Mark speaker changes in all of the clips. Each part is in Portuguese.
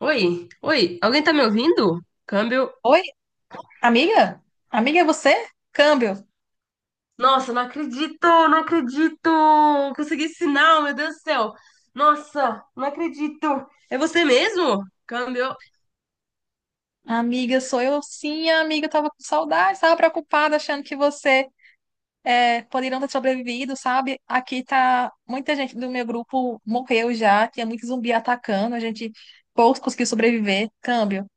Speaker 1: Oi, oi, alguém tá me ouvindo? Câmbio.
Speaker 2: Oi, amiga? Amiga, é você? Câmbio.
Speaker 1: Nossa, não acredito, não acredito! Consegui sinal, meu Deus do céu! Nossa, não acredito! É você mesmo? Câmbio.
Speaker 2: Amiga, sou eu sim, amiga. Eu tava com saudade, tava preocupada, achando que você poderia não ter sobrevivido, sabe? Aqui tá. Muita gente do meu grupo morreu já, tinha muito zumbi atacando, a gente poucos conseguiu sobreviver. Câmbio.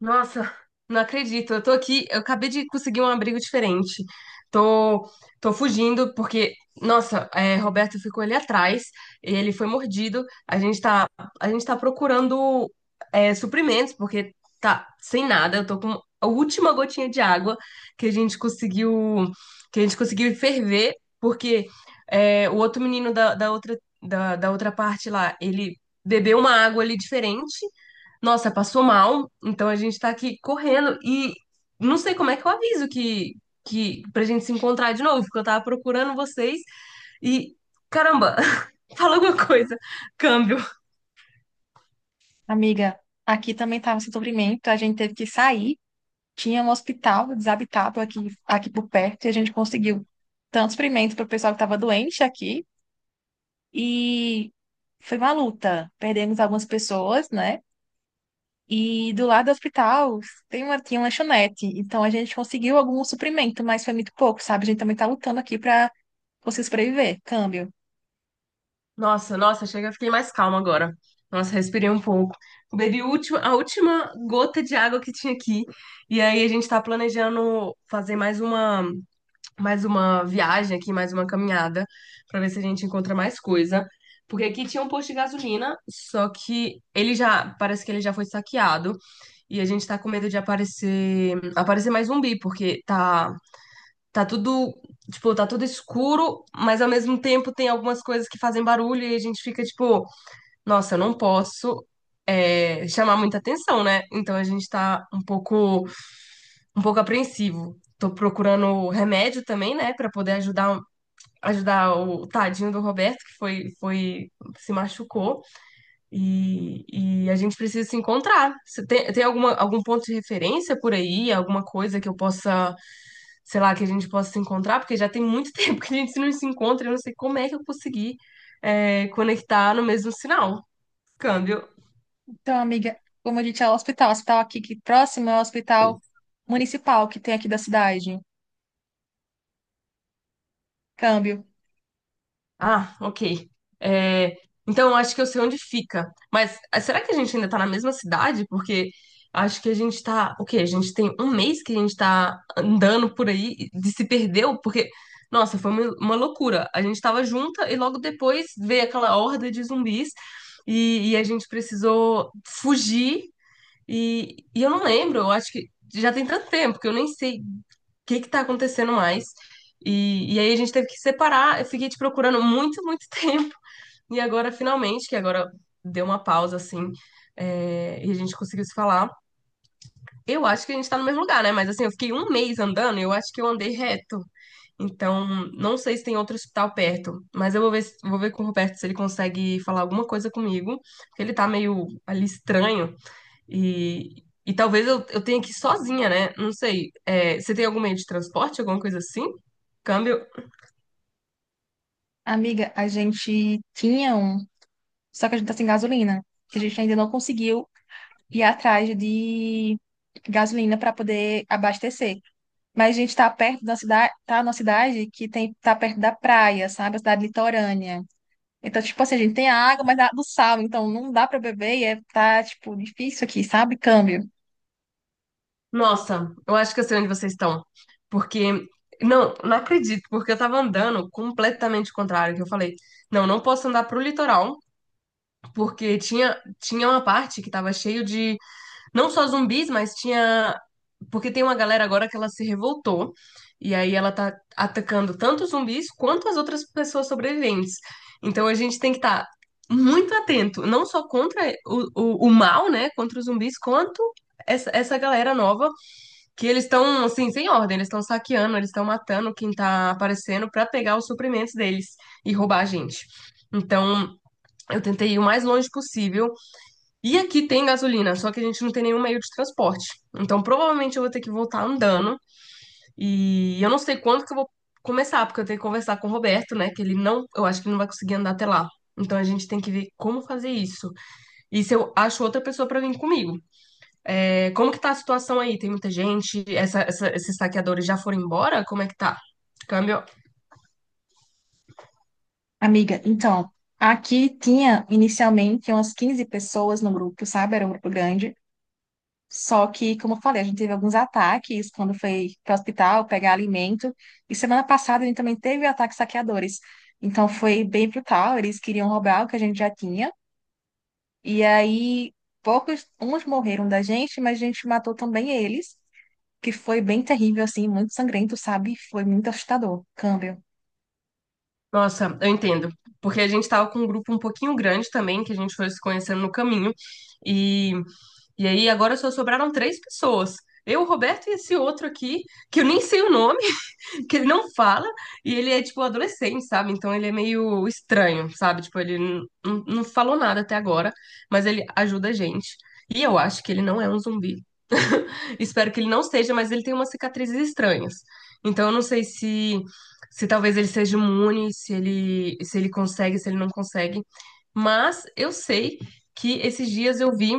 Speaker 1: Nossa, não acredito. Eu tô aqui, eu acabei de conseguir um abrigo diferente. Tô, tô fugindo porque, nossa, Roberto ficou ali atrás, ele foi mordido. A gente tá procurando suprimentos porque tá sem nada. Eu tô com a última gotinha de água que a gente conseguiu, que a gente conseguiu ferver porque o outro menino da outra da outra parte lá, ele bebeu uma água ali diferente. Nossa, passou mal, então a gente tá aqui correndo e não sei como é que eu aviso que pra gente se encontrar de novo, porque eu tava procurando vocês e caramba, fala alguma coisa. Câmbio.
Speaker 2: Amiga, aqui também tava sem sofrimento, a gente teve que sair. Tinha um hospital desabitado aqui, aqui por perto e a gente conseguiu tanto suprimento para o pessoal que estava doente aqui e foi uma luta. Perdemos algumas pessoas, né? E do lado do hospital tinha uma lanchonete. Então a gente conseguiu algum suprimento, mas foi muito pouco, sabe? A gente também tá lutando aqui pra conseguir sobreviver. Câmbio.
Speaker 1: Nossa, nossa, chega, eu fiquei mais calma agora. Nossa, respirei um pouco. Bebi a última gota de água que tinha aqui. E aí a gente tá planejando fazer mais uma. Mais uma viagem aqui, mais uma caminhada, pra ver se a gente encontra mais coisa. Porque aqui tinha um posto de gasolina, só que ele já, parece que ele já foi saqueado. E a gente tá com medo de aparecer, aparecer mais zumbi, porque tá tudo, tipo, tá tudo escuro, mas ao mesmo tempo tem algumas coisas que fazem barulho e a gente fica tipo, nossa, eu não posso chamar muita atenção, né? Então a gente tá um pouco apreensivo. Tô procurando remédio também, né, pra poder ajudar o tadinho do Roberto, que foi se machucou, e a gente precisa se encontrar. Você tem alguma, algum ponto de referência por aí, alguma coisa que eu possa, sei lá, que a gente possa se encontrar? Porque já tem muito tempo que a gente não se encontra, eu não sei como é que eu consegui, conectar no mesmo sinal. Câmbio.
Speaker 2: Então, amiga, como a gente é o hospital aqui que próximo é o hospital municipal que tem aqui da cidade. Câmbio.
Speaker 1: Ah, ok. É, então, eu acho que eu sei onde fica. Mas ah, será que a gente ainda tá na mesma cidade? Porque acho que a gente tá. O quê? A gente tem um mês que a gente tá andando por aí e de se perdeu, porque, nossa, foi uma loucura. A gente tava junta e logo depois veio aquela horda de zumbis e a gente precisou fugir. E eu não lembro, eu acho que já tem tanto tempo que eu nem sei o que que tá acontecendo mais. E aí a gente teve que separar, eu fiquei te procurando muito, muito tempo. E agora, finalmente, que agora deu uma pausa, assim, e a gente conseguiu se falar. Eu acho que a gente tá no mesmo lugar, né? Mas assim, eu fiquei um mês andando e eu acho que eu andei reto. Então, não sei se tem outro hospital perto, mas eu vou ver, vou ver com o Roberto se ele consegue falar alguma coisa comigo, porque ele tá meio ali estranho. E talvez eu tenha que ir sozinha, né? Não sei. É, você tem algum meio de transporte, alguma coisa assim? Câmbio?
Speaker 2: Amiga, a gente tinha um, só que a gente tá sem gasolina. Que A gente ainda não conseguiu ir atrás de gasolina para poder abastecer. Mas a gente tá perto da cidade, tá numa cidade tá perto da praia, sabe? A cidade litorânea. Então, tipo assim, a gente tem a água, mas do sal, então não dá pra beber e tá, tipo, difícil aqui, sabe? Câmbio.
Speaker 1: Nossa, eu acho que eu sei onde vocês estão. Porque. Não, não acredito, porque eu tava andando completamente contrário, que eu falei, não, não posso andar pro litoral, porque tinha uma parte que tava cheio de. Não só zumbis, mas tinha. Porque tem uma galera agora que ela se revoltou. E aí ela tá atacando tanto os zumbis quanto as outras pessoas sobreviventes. Então a gente tem que estar muito atento, não só contra o mal, né? Contra os zumbis, quanto essa galera nova, que eles estão, assim, sem ordem, eles estão saqueando, eles estão matando quem tá aparecendo pra pegar os suprimentos deles e roubar a gente. Então, eu tentei ir o mais longe possível e aqui tem gasolina, só que a gente não tem nenhum meio de transporte. Então, provavelmente eu vou ter que voltar andando. E eu não sei quando que eu vou começar, porque eu tenho que conversar com o Roberto, né? Que ele não, eu acho que ele não vai conseguir andar até lá. Então, a gente tem que ver como fazer isso. E se eu acho outra pessoa pra vir comigo. É, como que tá a situação aí? Tem muita gente? Esses saqueadores já foram embora? Como é que tá? Câmbio.
Speaker 2: Amiga, então, aqui tinha inicialmente umas 15 pessoas no grupo, sabe? Era um grupo grande. Só que, como eu falei, a gente teve alguns ataques quando foi para o hospital pegar alimento. E semana passada a gente também teve ataques saqueadores. Então foi bem brutal, eles queriam roubar o que a gente já tinha. E aí, poucos, uns morreram da gente, mas a gente matou também eles, que foi bem terrível, assim, muito sangrento, sabe? Foi muito assustador. Câmbio.
Speaker 1: Nossa, eu entendo. Porque a gente tava com um grupo um pouquinho grande também, que a gente foi se conhecendo no caminho. E, e aí agora só sobraram três pessoas. Eu, o Roberto e esse outro aqui, que eu nem sei o nome, que ele não fala, e ele é tipo adolescente, sabe? Então ele é meio estranho, sabe? Tipo, ele não falou nada até agora, mas ele ajuda a gente. E eu acho que ele não é um zumbi. Espero que ele não seja, mas ele tem umas cicatrizes estranhas. Então eu não sei se se talvez ele seja imune, se ele se ele consegue, se ele não consegue. Mas eu sei que esses dias eu vi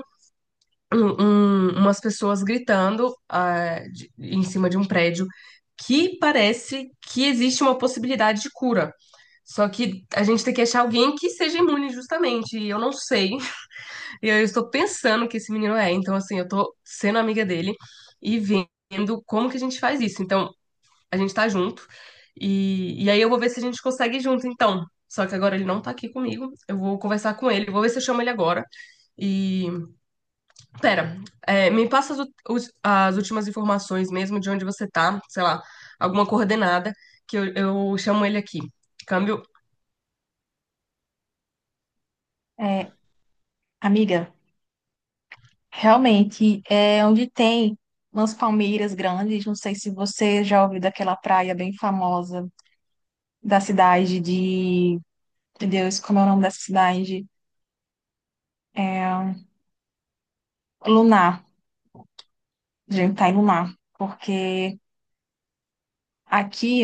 Speaker 1: um- umas pessoas gritando ah, em cima de um prédio que parece que existe uma possibilidade de cura. Só que a gente tem que achar alguém que seja imune, justamente. E eu não sei e eu estou pensando que esse menino é. Então, assim, eu tô sendo amiga dele e vendo como que a gente faz isso. Então, a gente tá junto. E aí eu vou ver se a gente consegue ir junto, então. Só que agora ele não tá aqui comigo. Eu vou conversar com ele, vou ver se eu chamo ele agora. E. Pera, é, me passa as últimas informações mesmo de onde você tá, sei lá, alguma coordenada, que eu chamo ele aqui. Câmbio.
Speaker 2: É, Amiga, realmente, é onde tem umas palmeiras grandes, não sei se você já ouviu daquela praia bem famosa da cidade de... Meu Deus, como é o nome dessa cidade? É, Lunar. A gente tá em Lunar, porque aqui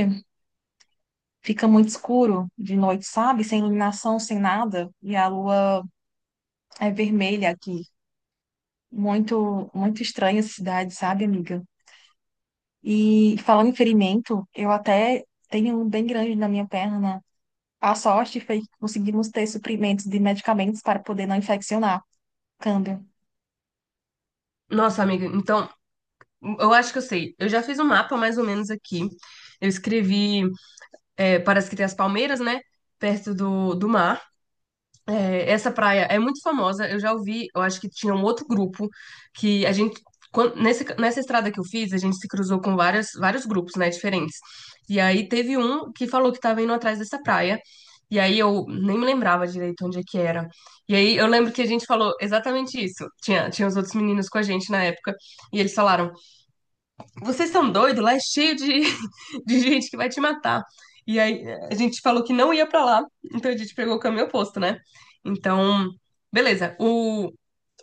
Speaker 2: fica muito escuro de noite, sabe? Sem iluminação, sem nada. E a lua é vermelha aqui. Muito, muito estranha essa cidade, sabe, amiga? E falando em ferimento, eu até tenho um bem grande na minha perna, né? A sorte foi que conseguimos ter suprimentos de medicamentos para poder não infeccionar. Câmbio.
Speaker 1: Nossa, amiga, então, eu acho que eu sei. Eu já fiz um mapa mais ou menos aqui. Eu escrevi é, parece que tem as palmeiras, né? Perto do mar. É, essa praia é muito famosa. Eu já ouvi, eu acho que tinha um outro grupo que a gente. Quan- nesse- nessa estrada que eu fiz, a gente se cruzou com vários grupos, né, diferentes. E aí teve um que falou que estava indo atrás dessa praia. E aí eu nem me lembrava direito onde é que era. E aí eu lembro que a gente falou exatamente isso. Tinha os outros meninos com a gente na época. E eles falaram: Vocês são doidos? Lá é cheio de gente que vai te matar. E aí a gente falou que não ia pra lá, então a gente pegou o caminho oposto, né? Então, beleza.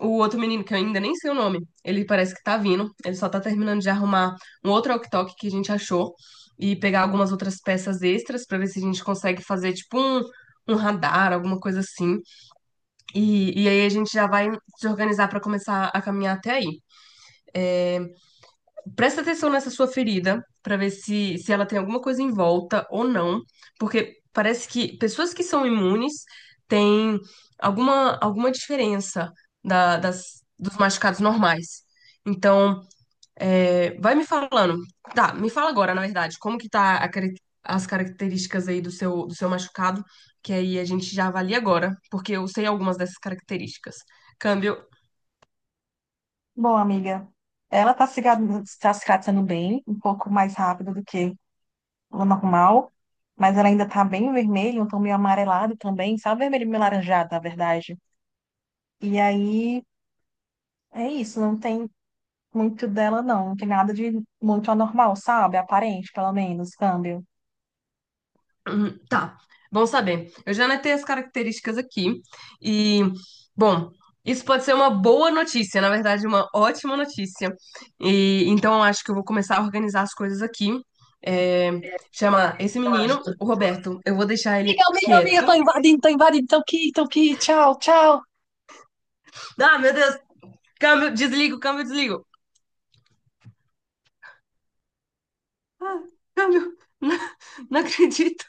Speaker 1: O outro menino, que eu ainda nem sei o nome, ele parece que tá vindo, ele só tá terminando de arrumar um outro walkie-talkie que a gente achou e pegar algumas outras peças extras pra ver se a gente consegue fazer tipo um radar, alguma coisa assim. E aí a gente já vai se organizar pra começar a caminhar até aí. É, presta atenção nessa sua ferida para ver se ela tem alguma coisa em volta ou não, porque parece que pessoas que são imunes têm alguma, alguma diferença dos machucados normais. Então, é, vai me falando. Tá, me fala agora, na verdade, como que tá as características aí do do seu machucado, que aí a gente já avalia agora, porque eu sei algumas dessas características. Câmbio.
Speaker 2: Bom, amiga, ela está se gra- tá se tratando bem, um pouco mais rápido do que o normal, mas ela ainda está bem vermelha, um tom meio amarelado também, sabe? Vermelho meio laranjado, na verdade. E aí é isso, não tem muito dela, não. Não tem nada de muito anormal, sabe? Aparente, pelo menos, câmbio.
Speaker 1: Uhum. Tá, bom saber. Eu já anotei as características aqui e, bom, isso pode ser uma boa notícia, na verdade, uma ótima notícia. E então eu acho que eu vou começar a organizar as coisas aqui. É, chamar esse
Speaker 2: Eu
Speaker 1: menino,
Speaker 2: acho.
Speaker 1: o Roberto. Eu vou deixar ele
Speaker 2: Amiga, amiga, amiga,
Speaker 1: quieto.
Speaker 2: tô invadindo, tô invadindo, tô aqui, tchau, tchau.
Speaker 1: Ah, meu Deus! Câmbio, desligo, câmbio, desligo. Ah, câmbio, não, não acredito.